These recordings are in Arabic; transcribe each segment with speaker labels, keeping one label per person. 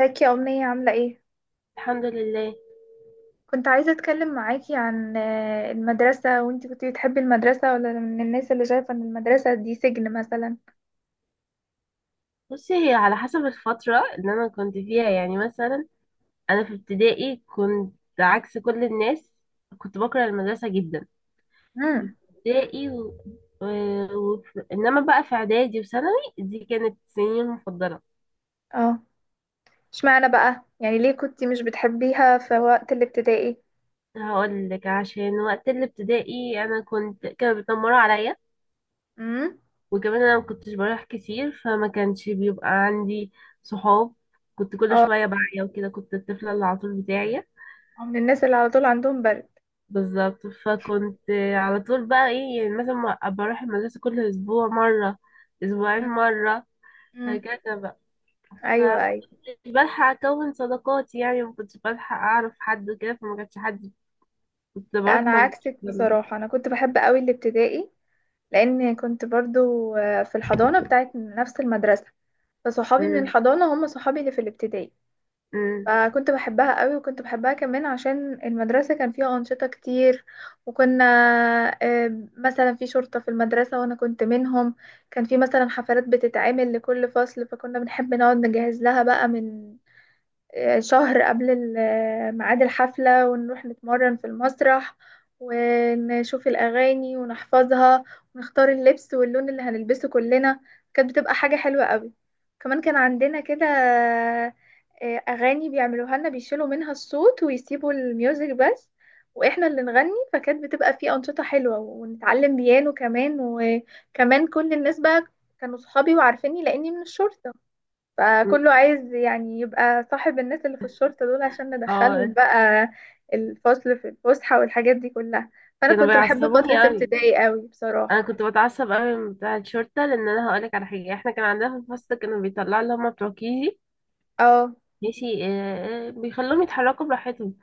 Speaker 1: ازيك يا أمنية، عاملة ايه؟
Speaker 2: الحمد لله.
Speaker 1: كنت عايزة اتكلم معاكي عن المدرسة، وانتي كنتي بتحبي المدرسة، ولا من الناس اللي شايفة ان المدرسة دي سجن مثلا؟
Speaker 2: بصي، هي على حسب الفترة اللي أنا كنت فيها يعني. مثلا أنا في ابتدائي كنت عكس كل الناس، كنت بكره المدرسة جدا. في
Speaker 1: امم.
Speaker 2: ابتدائي و... إنما بقى في إعدادي وثانوي، دي كانت سنين المفضلة.
Speaker 1: اه. اشمعنى بقى؟ يعني ليه كنتي مش بتحبيها في وقت الابتدائي؟
Speaker 2: هقول لك، عشان وقت الابتدائي أنا كنت كانوا بيتنمروا عليا.
Speaker 1: امم.
Speaker 2: وكمان أنا ما كنتش بروح كتير، فما كانش بيبقى عندي صحاب. كنت كل
Speaker 1: اه.
Speaker 2: شوية بعيا وكده، كنت الطفلة اللي على طول بتاعي.
Speaker 1: من الناس اللي على طول عندهم برد.
Speaker 2: بالظبط. فكنت على طول بقى ايه، يعني مثلا أبقى اروح المدرسة كل اسبوع مرة، اسبوعين مرة،
Speaker 1: امم.
Speaker 2: هكذا بقى.
Speaker 1: ايوه، ايوه.
Speaker 2: فمكنتش بلحق اكون صداقات، يعني مكنتش بلحق اعرف حد وكده، فما كانش حد. كنت
Speaker 1: لا،
Speaker 2: بروح
Speaker 1: انا
Speaker 2: ما بقتش
Speaker 1: عكسك
Speaker 2: بلحق.
Speaker 1: بصراحة، انا كنت بحب قوي الابتدائي، لان كنت برضو في الحضانة بتاعت نفس المدرسة، فصحابي من
Speaker 2: أمم.
Speaker 1: الحضانة هم صحابي اللي في الابتدائي.
Speaker 2: أمم.
Speaker 1: فكنت بحبها قوي، وكنت بحبها كمان عشان المدرسة كان فيها أنشطة كتير. وكنا مثلا في شرطة في المدرسة وأنا كنت منهم. كان في مثلا حفلات بتتعمل لكل فصل، فكنا بنحب نقعد نجهز لها بقى من شهر قبل ميعاد الحفلة، ونروح نتمرن في المسرح، ونشوف الأغاني ونحفظها، ونختار اللبس واللون اللي هنلبسه كلنا. كانت بتبقى حاجة حلوة قوي. كمان كان عندنا كده أغاني بيعملوها لنا، بيشيلوا منها الصوت ويسيبوا الميوزك بس، واحنا اللي نغني. فكانت بتبقى في أنشطة حلوة، ونتعلم بيانو كمان. وكمان كل الناس بقى كانوا صحابي وعارفيني لأني من الشرطة،
Speaker 2: أمم.
Speaker 1: فكله عايز يعني يبقى صاحب الناس اللي في الشرطة دول عشان
Speaker 2: اه.
Speaker 1: ندخلهم بقى الفصل في الفسحة والحاجات دي كلها. فأنا
Speaker 2: كانوا
Speaker 1: كنت بحب
Speaker 2: بيعصبوني
Speaker 1: فترة
Speaker 2: قوي.
Speaker 1: ابتدائي قوي
Speaker 2: انا
Speaker 1: بصراحة.
Speaker 2: كنت بتعصب قوي من بتاع الشرطة، لان انا هقولك على حاجة، احنا كان عندنا في الفصل كانوا بيطلعوا اللي هما بتوع كيجي.
Speaker 1: اه،
Speaker 2: ماشي، بيخلوهم يتحركوا براحتهم.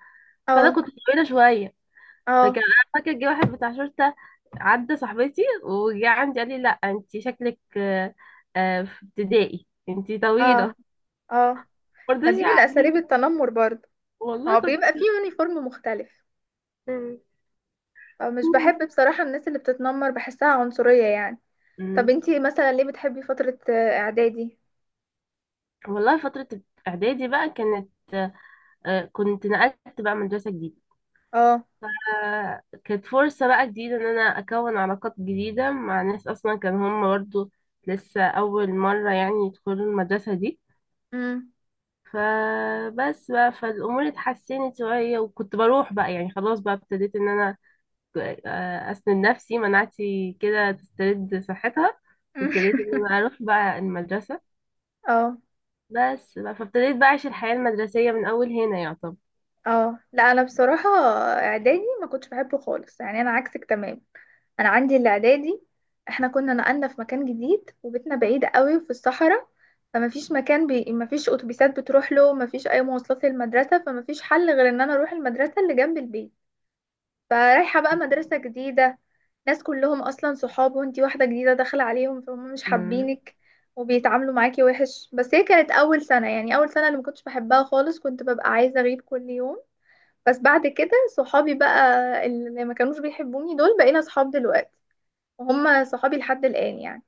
Speaker 2: فانا
Speaker 1: اه،
Speaker 2: كنت طويلة شوية. فكان
Speaker 1: اه،
Speaker 2: انا فاكر جه واحد بتاع شرطه، عدى صاحبتي وجه عندي قال لي لا انت شكلك في ابتدائي انت
Speaker 1: اه،
Speaker 2: طويله.
Speaker 1: اه. ما
Speaker 2: مرضيش
Speaker 1: دي من
Speaker 2: يعني.
Speaker 1: أساليب التنمر برضه.
Speaker 2: والله
Speaker 1: ما هو
Speaker 2: كنت.
Speaker 1: بيبقى فيه يونيفورم مختلف.
Speaker 2: مم.
Speaker 1: فمش بحب بصراحة الناس اللي بتتنمر، بحسها عنصرية يعني. طب
Speaker 2: مم.
Speaker 1: انتي مثلا ليه بتحبي فترة إعدادي؟
Speaker 2: والله فتره اعدادي بقى كانت، كنت نقلت بقى مدرسه جديده.
Speaker 1: اه.
Speaker 2: كانت فرصه بقى جديده ان انا اكون علاقات جديده مع ناس اصلا كان هم برضه لسه اول مره يعني يدخلوا المدرسه دي.
Speaker 1: امم.
Speaker 2: فبس بقى، فالامور اتحسنت شويه، وكنت بروح بقى يعني. خلاص بقى ابتديت ان انا اسند نفسي، مناعتي كده تسترد صحتها. وابتديت ان انا اروح بقى المدرسه
Speaker 1: اه.
Speaker 2: بس بقى. فابتديت بقى اعيش الحياه المدرسيه من اول هنا يعتبر.
Speaker 1: اه. لا، انا بصراحه اعدادي ما كنتش بحبه خالص، يعني انا عكسك تمام. انا عندي الاعدادي، احنا كنا نقلنا في مكان جديد، وبيتنا بعيد قوي في الصحراء، فما فيش مكان، ما فيش اتوبيسات بتروح له، ما فيش اي مواصلات للمدرسه، فما فيش حل غير ان انا اروح المدرسه اللي جنب البيت. فرايحه بقى مدرسه جديده، ناس كلهم اصلا صحاب، وانتي واحده جديده داخله عليهم، فهم مش
Speaker 2: مم.
Speaker 1: حابينك وبيتعاملوا معاكي وحش. بس هي كانت اول سنه، يعني اول سنه اللي ما كنتش بحبها خالص، كنت ببقى عايزه اغيب كل يوم. بس بعد كده، صحابي بقى اللي ما كانوش بيحبوني دول بقينا صحاب دلوقتي، وهم صحابي لحد الآن يعني.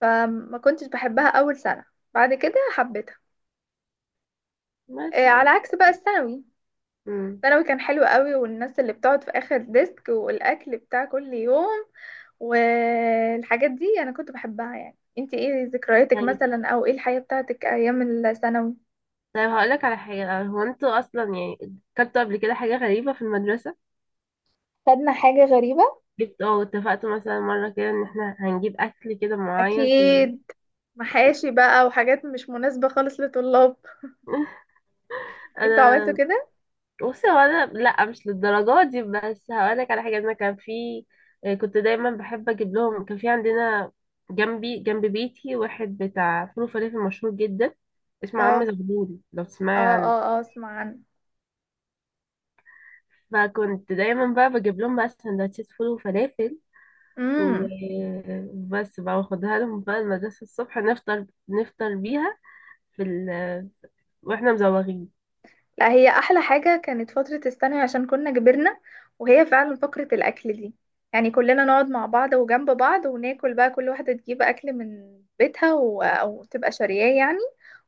Speaker 1: فما كنتش بحبها أول سنة، بعد كده حبيتها.
Speaker 2: بس.
Speaker 1: على عكس بقى الثانوي.
Speaker 2: مم.
Speaker 1: الثانوي كان حلو قوي، والناس اللي بتقعد في آخر ديسك، والأكل بتاع كل يوم، والحاجات دي أنا كنت بحبها. يعني انتي ايه ذكرياتك
Speaker 2: طيب
Speaker 1: مثلا، او ايه الحياة بتاعتك ايام الثانوي؟
Speaker 2: طيب، هقولك على حاجه. هو انتوا اصلا يعني كلتوا قبل كده حاجه غريبه في المدرسه؟
Speaker 1: خدنا حاجة غريبة،
Speaker 2: جبت، اتفقتوا مثلا مره كده ان احنا هنجيب اكل كده معين في المدرسه؟
Speaker 1: اكيد. محاشي بقى وحاجات مش مناسبة خالص لطلاب. انتوا عملتوا
Speaker 2: انا.
Speaker 1: كده؟
Speaker 2: بصي هو انا لا، مش للدرجه دي، بس هقولك على حاجه. انا كان في، كنت دايما بحب اجيب لهم. كان في عندنا جنب بيتي واحد بتاع فول وفلافل مشهور جدا اسمه
Speaker 1: اه،
Speaker 2: عم زغلول، لو
Speaker 1: اه،
Speaker 2: تسمعي عنه.
Speaker 1: اه، اه، اسمع عنه.
Speaker 2: فكنت دايما بقى بجيب لهم بقى سندوتشات فول وفلافل.
Speaker 1: امم.
Speaker 2: وبس بقى، واخدها لهم بقى المدرسه الصبح نفطر نفطر بيها في ال... واحنا مزوغين.
Speaker 1: لا، هي احلى حاجه كانت فتره الثانوي عشان كنا كبرنا، وهي فعلا فقره الاكل دي، يعني كلنا نقعد مع بعض وجنب بعض وناكل بقى، كل واحده تجيب اكل من بيتها او تبقى شارياه يعني،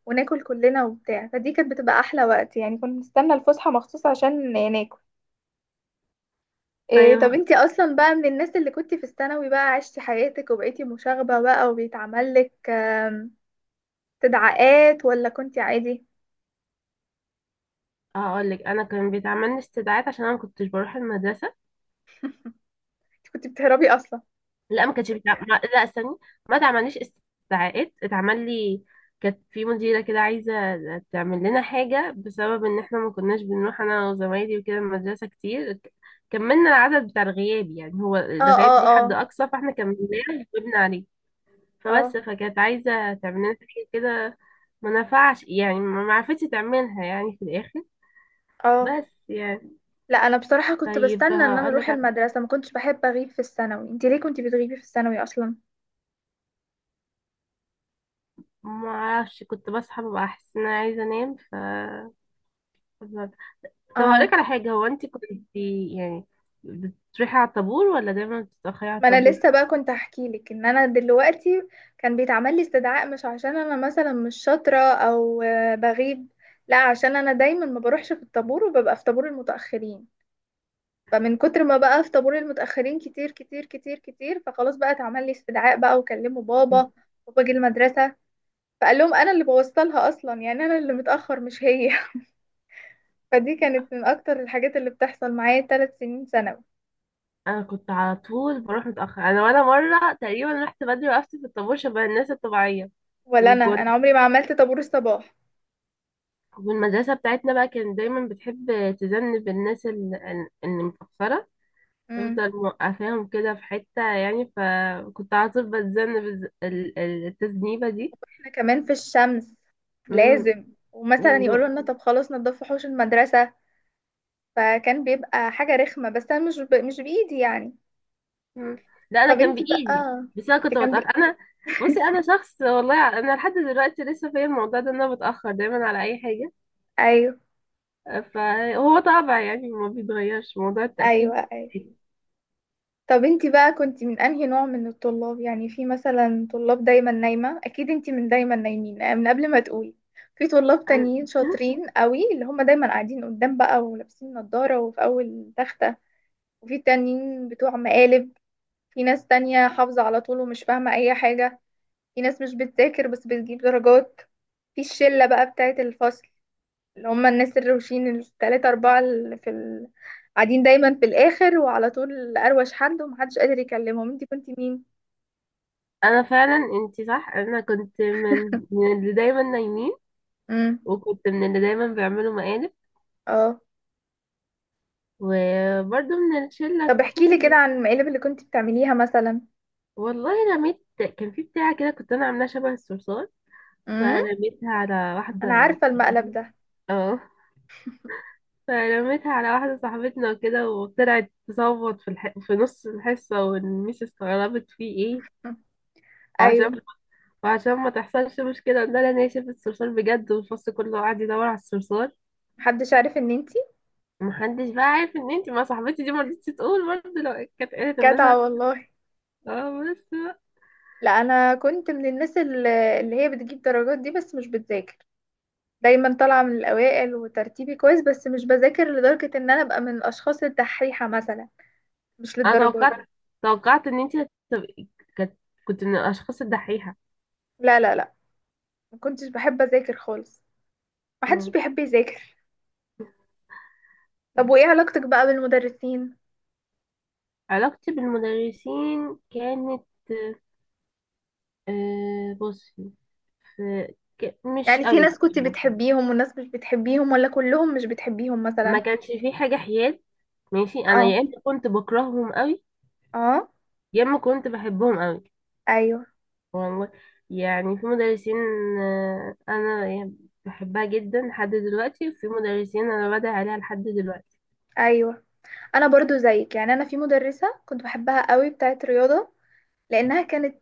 Speaker 1: وناكل كلنا وبتاع. فدي كانت بتبقى احلى وقت، يعني كنا نستنى الفسحه مخصوص عشان ناكل. إيه
Speaker 2: طيب
Speaker 1: طب انتي اصلا بقى من الناس اللي كنتي في الثانوي بقى عشتي حياتك وبقيتي مشاغبه بقى، وبيتعمل لك تدعيقات، ولا كنتي عادي؟
Speaker 2: هقولك. انا كان بيتعمل لي استدعاءات عشان انا ما كنتش بروح المدرسه.
Speaker 1: انتي كنتي بتهربي اصلا؟
Speaker 2: لا، ما كانتش بتع... ما... لا استني، ما اتعمليش استدعاءات. اتعمل لي، كانت في مديرة كده عايزة تعمل لنا حاجة، بسبب ان احنا ما كناش بنروح انا وزمايلي وكده المدرسة كتير، كملنا العدد بتاع الغياب. يعني هو
Speaker 1: اه،
Speaker 2: الغياب
Speaker 1: اه،
Speaker 2: ليه حد
Speaker 1: اه،
Speaker 2: اقصى، فاحنا كملناه وجبنا عليه.
Speaker 1: اه،
Speaker 2: فبس، فكانت عايزة تعمل لنا حاجة كده، ما نفعش يعني، ما عرفتش تعملها يعني في الاخر.
Speaker 1: اه.
Speaker 2: بس يعني.
Speaker 1: لا، انا بصراحة كنت
Speaker 2: طيب
Speaker 1: بستنى ان انا اروح المدرسة، ما كنتش بحب اغيب في الثانوي. انتي ليه كنتي بتغيبي في الثانوي اصلا؟
Speaker 2: ما اعرفش، كنت بصحى ببقى احس ان انا عايزة انام. طب
Speaker 1: اه.
Speaker 2: هقولك على حاجة. هو انت كنت يعني بتروحي على الطابور، ولا دايما بتتأخري على
Speaker 1: ما انا
Speaker 2: الطابور؟
Speaker 1: لسه بقى كنت احكي لك ان انا دلوقتي كان بيتعمل لي استدعاء، مش عشان انا مثلا مش شاطرة او بغيب، لا، عشان انا دايما ما بروحش في الطابور وببقى في طابور المتأخرين، فمن كتر ما بقى في طابور المتأخرين كتير كتير كتير كتير، فخلاص بقى اتعمل لي استدعاء بقى وكلموا بابا،
Speaker 2: مم.
Speaker 1: وباجي المدرسة، فقال لهم انا اللي بوظت لها اصلا، يعني انا اللي متاخر مش هي. فدي كانت من اكتر الحاجات اللي بتحصل معايا 3 سنين ثانوي.
Speaker 2: انا كنت على طول بروح متأخر، انا ولا مرة تقريبا رحت بدري وقفت في الطابور شبه الناس الطبيعية.
Speaker 1: ولا انا
Speaker 2: وكنت
Speaker 1: انا عمري ما عملت طابور الصباح.
Speaker 2: والمدرسة بتاعتنا بقى كانت دايما بتحب تذنب الناس، اللي متأخرة،
Speaker 1: امم.
Speaker 2: تفضل موقفاهم كده في حتة يعني. فكنت على طول بتذنب التذنيبة دي.
Speaker 1: احنا كمان في الشمس،
Speaker 2: مم.
Speaker 1: لازم. ومثلا يقولوا لنا طب خلاص نضفوا حوش المدرسه، فكان بيبقى حاجه رخمه، بس انا مش مش بايدي يعني.
Speaker 2: مم. ده انا
Speaker 1: طب
Speaker 2: كان
Speaker 1: انتي
Speaker 2: بايدي.
Speaker 1: بقى،
Speaker 2: بس انا
Speaker 1: انت
Speaker 2: كنت
Speaker 1: كان
Speaker 2: بتاخر انا. بصي، انا شخص والله، انا لحد دلوقتي لسه فيا الموضوع ده، ان انا بتاخر دايما على اي حاجه.
Speaker 1: ايوه،
Speaker 2: فهو طبع يعني، ما بيتغيرش موضوع التاخير.
Speaker 1: ايوه، ايوه. طب انتي بقى كنتي من انهي نوع من الطلاب؟ يعني في مثلا طلاب دايما نايمة، اكيد انتي من دايما نايمين من قبل ما تقولي. في طلاب
Speaker 2: انا
Speaker 1: تانيين شاطرين قوي، اللي هم دايما قاعدين قدام بقى، ولابسين نظارة، وفي اول تختة. وفي تانيين بتوع مقالب. في ناس تانية حافظة على طول ومش فاهمة اي حاجة. في ناس مش بتذاكر بس بتجيب درجات. في الشلة بقى بتاعت الفصل، اللي هم الناس الروشين التلاتة أربعة اللي في قاعدين دايما في الآخر، وعلى طول أروش حد ومحدش قادر يكلمهم. انتي كنتي مين؟
Speaker 2: انا فعلا انتي صح. انا كنت من اللي دايما نايمين،
Speaker 1: امم.
Speaker 2: وكنت من اللي دايما بيعملوا مقالب،
Speaker 1: اه.
Speaker 2: وبرضه من الشله
Speaker 1: طب احكي لي كده
Speaker 2: كله.
Speaker 1: عن المقالب اللي كنتي بتعمليها مثلا.
Speaker 2: والله رميت. كان في بتاعه كده كنت انا عاملاها شبه الصرصار،
Speaker 1: امم.
Speaker 2: فرميتها على
Speaker 1: أنا
Speaker 2: واحده.
Speaker 1: عارفة المقلب ده.
Speaker 2: اه. فرميتها على واحدة صاحبتنا وكده، وطلعت تصوت في نص الحصة، والميس استغربت في ايه.
Speaker 1: مم. أيوه.
Speaker 2: وعشان وعشان ما تحصلش مشكلة قلنا لها ان هي شافت الصرصار بجد، والفصل كله قعد يدور على الصرصار.
Speaker 1: محدش عارف إن انتي.
Speaker 2: محدش بقى عارف ان انتي مع صاحبتي دي، مرضتش تقول برضه، لو كانت قالت ان
Speaker 1: جدعة
Speaker 2: انا.
Speaker 1: والله.
Speaker 2: اه بس بقى.
Speaker 1: لا، أنا كنت من الناس اللي هي بتجيب درجات دي بس مش بتذاكر، دايما طالعة من الأوائل، وترتيبي كويس، بس مش بذاكر لدرجة إن أنا أبقى من الأشخاص الدحيحة مثلا، مش
Speaker 2: انا
Speaker 1: للدرجات دي.
Speaker 2: توقعت ان انتي هتبقي كانت كنت من الاشخاص الدحيحة.
Speaker 1: لا، لا، لا، ما كنتش بحب اذاكر خالص، ما حدش
Speaker 2: مم.
Speaker 1: بيحب يذاكر. طب وايه علاقتك بقى بالمدرسين؟
Speaker 2: علاقتي بالمدرسين كانت، بصي مش
Speaker 1: يعني في
Speaker 2: قوي
Speaker 1: ناس كنت
Speaker 2: يعني.
Speaker 1: بتحبيهم وناس مش بتحبيهم، ولا كلهم مش بتحبيهم
Speaker 2: ما
Speaker 1: مثلا؟
Speaker 2: كانش في حاجة حياد. ماشي، انا
Speaker 1: اه.
Speaker 2: يا اما كنت بكرههم قوي،
Speaker 1: اه.
Speaker 2: يا اما كنت بحبهم قوي.
Speaker 1: ايوه،
Speaker 2: والله يعني في مدرسين، انا يعني بحبها جدا لحد دلوقتي، وفي مدرسين انا بدعي عليها لحد دلوقتي.
Speaker 1: ايوه. انا برضو زيك، يعني انا في مدرسة كنت بحبها قوي، بتاعت رياضة، لانها كانت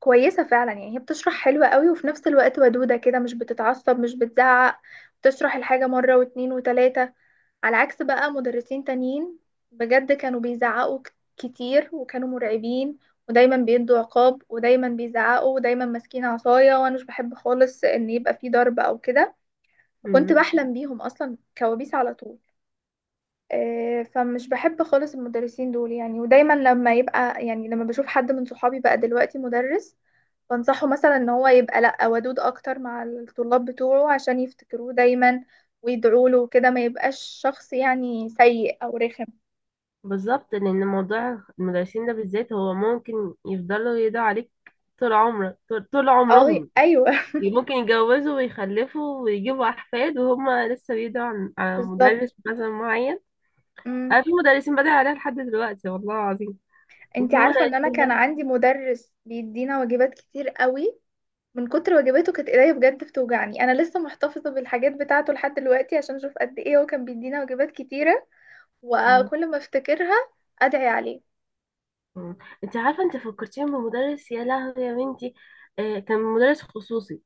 Speaker 1: كويسة فعلا، يعني هي بتشرح حلوة قوي، وفي نفس الوقت ودودة كده، مش بتتعصب مش بتزعق، بتشرح الحاجة مرة واتنين وتلاتة. على عكس بقى مدرسين تانيين، بجد كانوا بيزعقوا كتير، وكانوا مرعبين، ودايما بيدوا عقاب، ودايما بيزعقوا، ودايما ماسكين عصاية، وانا مش بحب خالص ان يبقى في ضرب او كده، فكنت
Speaker 2: مم.
Speaker 1: بحلم بيهم اصلا كوابيس على طول. فمش بحب خالص المدرسين دول يعني، ودايما لما يبقى يعني لما بشوف حد من صحابي بقى دلوقتي مدرس، بنصحه مثلا ان هو يبقى، لا، ودود اكتر مع الطلاب بتوعه عشان يفتكروه دايما ويدعوا له وكده، ما يبقاش شخص يعني سيء او رخم.
Speaker 2: بالظبط، لان موضوع المدرسين ده بالذات هو ممكن يفضلوا يدعوا عليك طول عمرك، طول
Speaker 1: او
Speaker 2: عمرهم.
Speaker 1: ايوه.
Speaker 2: ممكن يتجوزوا ويخلفوا ويجيبوا احفاد وهم لسه بيدعوا عن
Speaker 1: بالظبط.
Speaker 2: مدرس مثلا معين. انا
Speaker 1: امم.
Speaker 2: في مدرسين بدأ عليها لحد دلوقتي، والله العظيم.
Speaker 1: انتي
Speaker 2: وفي
Speaker 1: عارفه ان انا
Speaker 2: مدرسين
Speaker 1: كان عندي مدرس بيدينا واجبات كتير قوي، من كتر واجباته كانت ايديا بجد بتوجعني، انا لسه محتفظه بالحاجات بتاعته لحد دلوقتي عشان اشوف قد ايه هو كان بيدينا واجبات كتيره،
Speaker 2: مم.
Speaker 1: وكل ما افتكرها ادعي عليه.
Speaker 2: مم. انت عارفه، انت فكرتيني بمدرس، يا لهوي يا بنتي. كان مدرس خصوصي.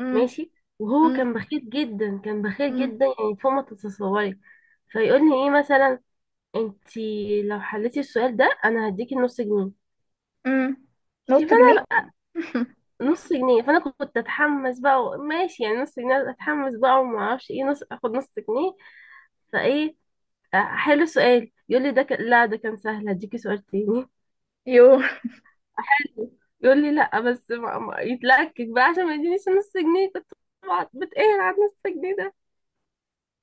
Speaker 1: امم.
Speaker 2: ماشي. وهو
Speaker 1: امم.
Speaker 2: كان بخيل جدا، كان بخيل
Speaker 1: امم.
Speaker 2: جدا يعني، فوق ما تتصوري. فيقول لي ايه مثلا، انت لو حليتي السؤال ده انا هديكي نص جنيه.
Speaker 1: امم. نص
Speaker 2: ماشي.
Speaker 1: جنيه.
Speaker 2: فانا نص جنيه، فانا كنت اتحمس بقى ماشي يعني نص جنيه، اتحمس بقى وما اعرفش ايه نص اخد نص جنيه. فايه، حلو السؤال، يقول لي ده كان، لا ده كان سهل، هديكي سؤال تاني.
Speaker 1: يو.
Speaker 2: يقول لي لا بس ما... ما... يتلكك بقى عشان ما يدينيش نص جنيه. كنت بقعد بتقهر على نص جنيه ده.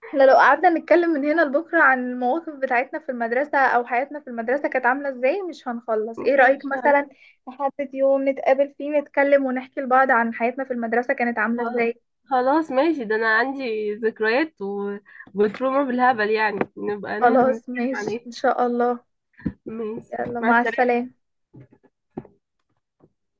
Speaker 1: احنا لو قعدنا نتكلم من هنا لبكرة عن المواقف بتاعتنا في المدرسة، او حياتنا في المدرسة كانت عاملة ازاي، مش هنخلص. ايه رأيك
Speaker 2: مش عارف.
Speaker 1: مثلا نحدد يوم نتقابل فيه، نتكلم ونحكي لبعض عن حياتنا في المدرسة كانت عاملة
Speaker 2: خل-
Speaker 1: ازاي؟
Speaker 2: خلاص ماشي، ده انا عندي ذكريات وتروما بالهبل يعني، نبقى ننزل
Speaker 1: خلاص،
Speaker 2: نتكلم عن
Speaker 1: ماشي، ان
Speaker 2: ايه؟
Speaker 1: شاء الله.
Speaker 2: ماشي،
Speaker 1: يلا
Speaker 2: مع
Speaker 1: مع
Speaker 2: السلامة.
Speaker 1: السلامة.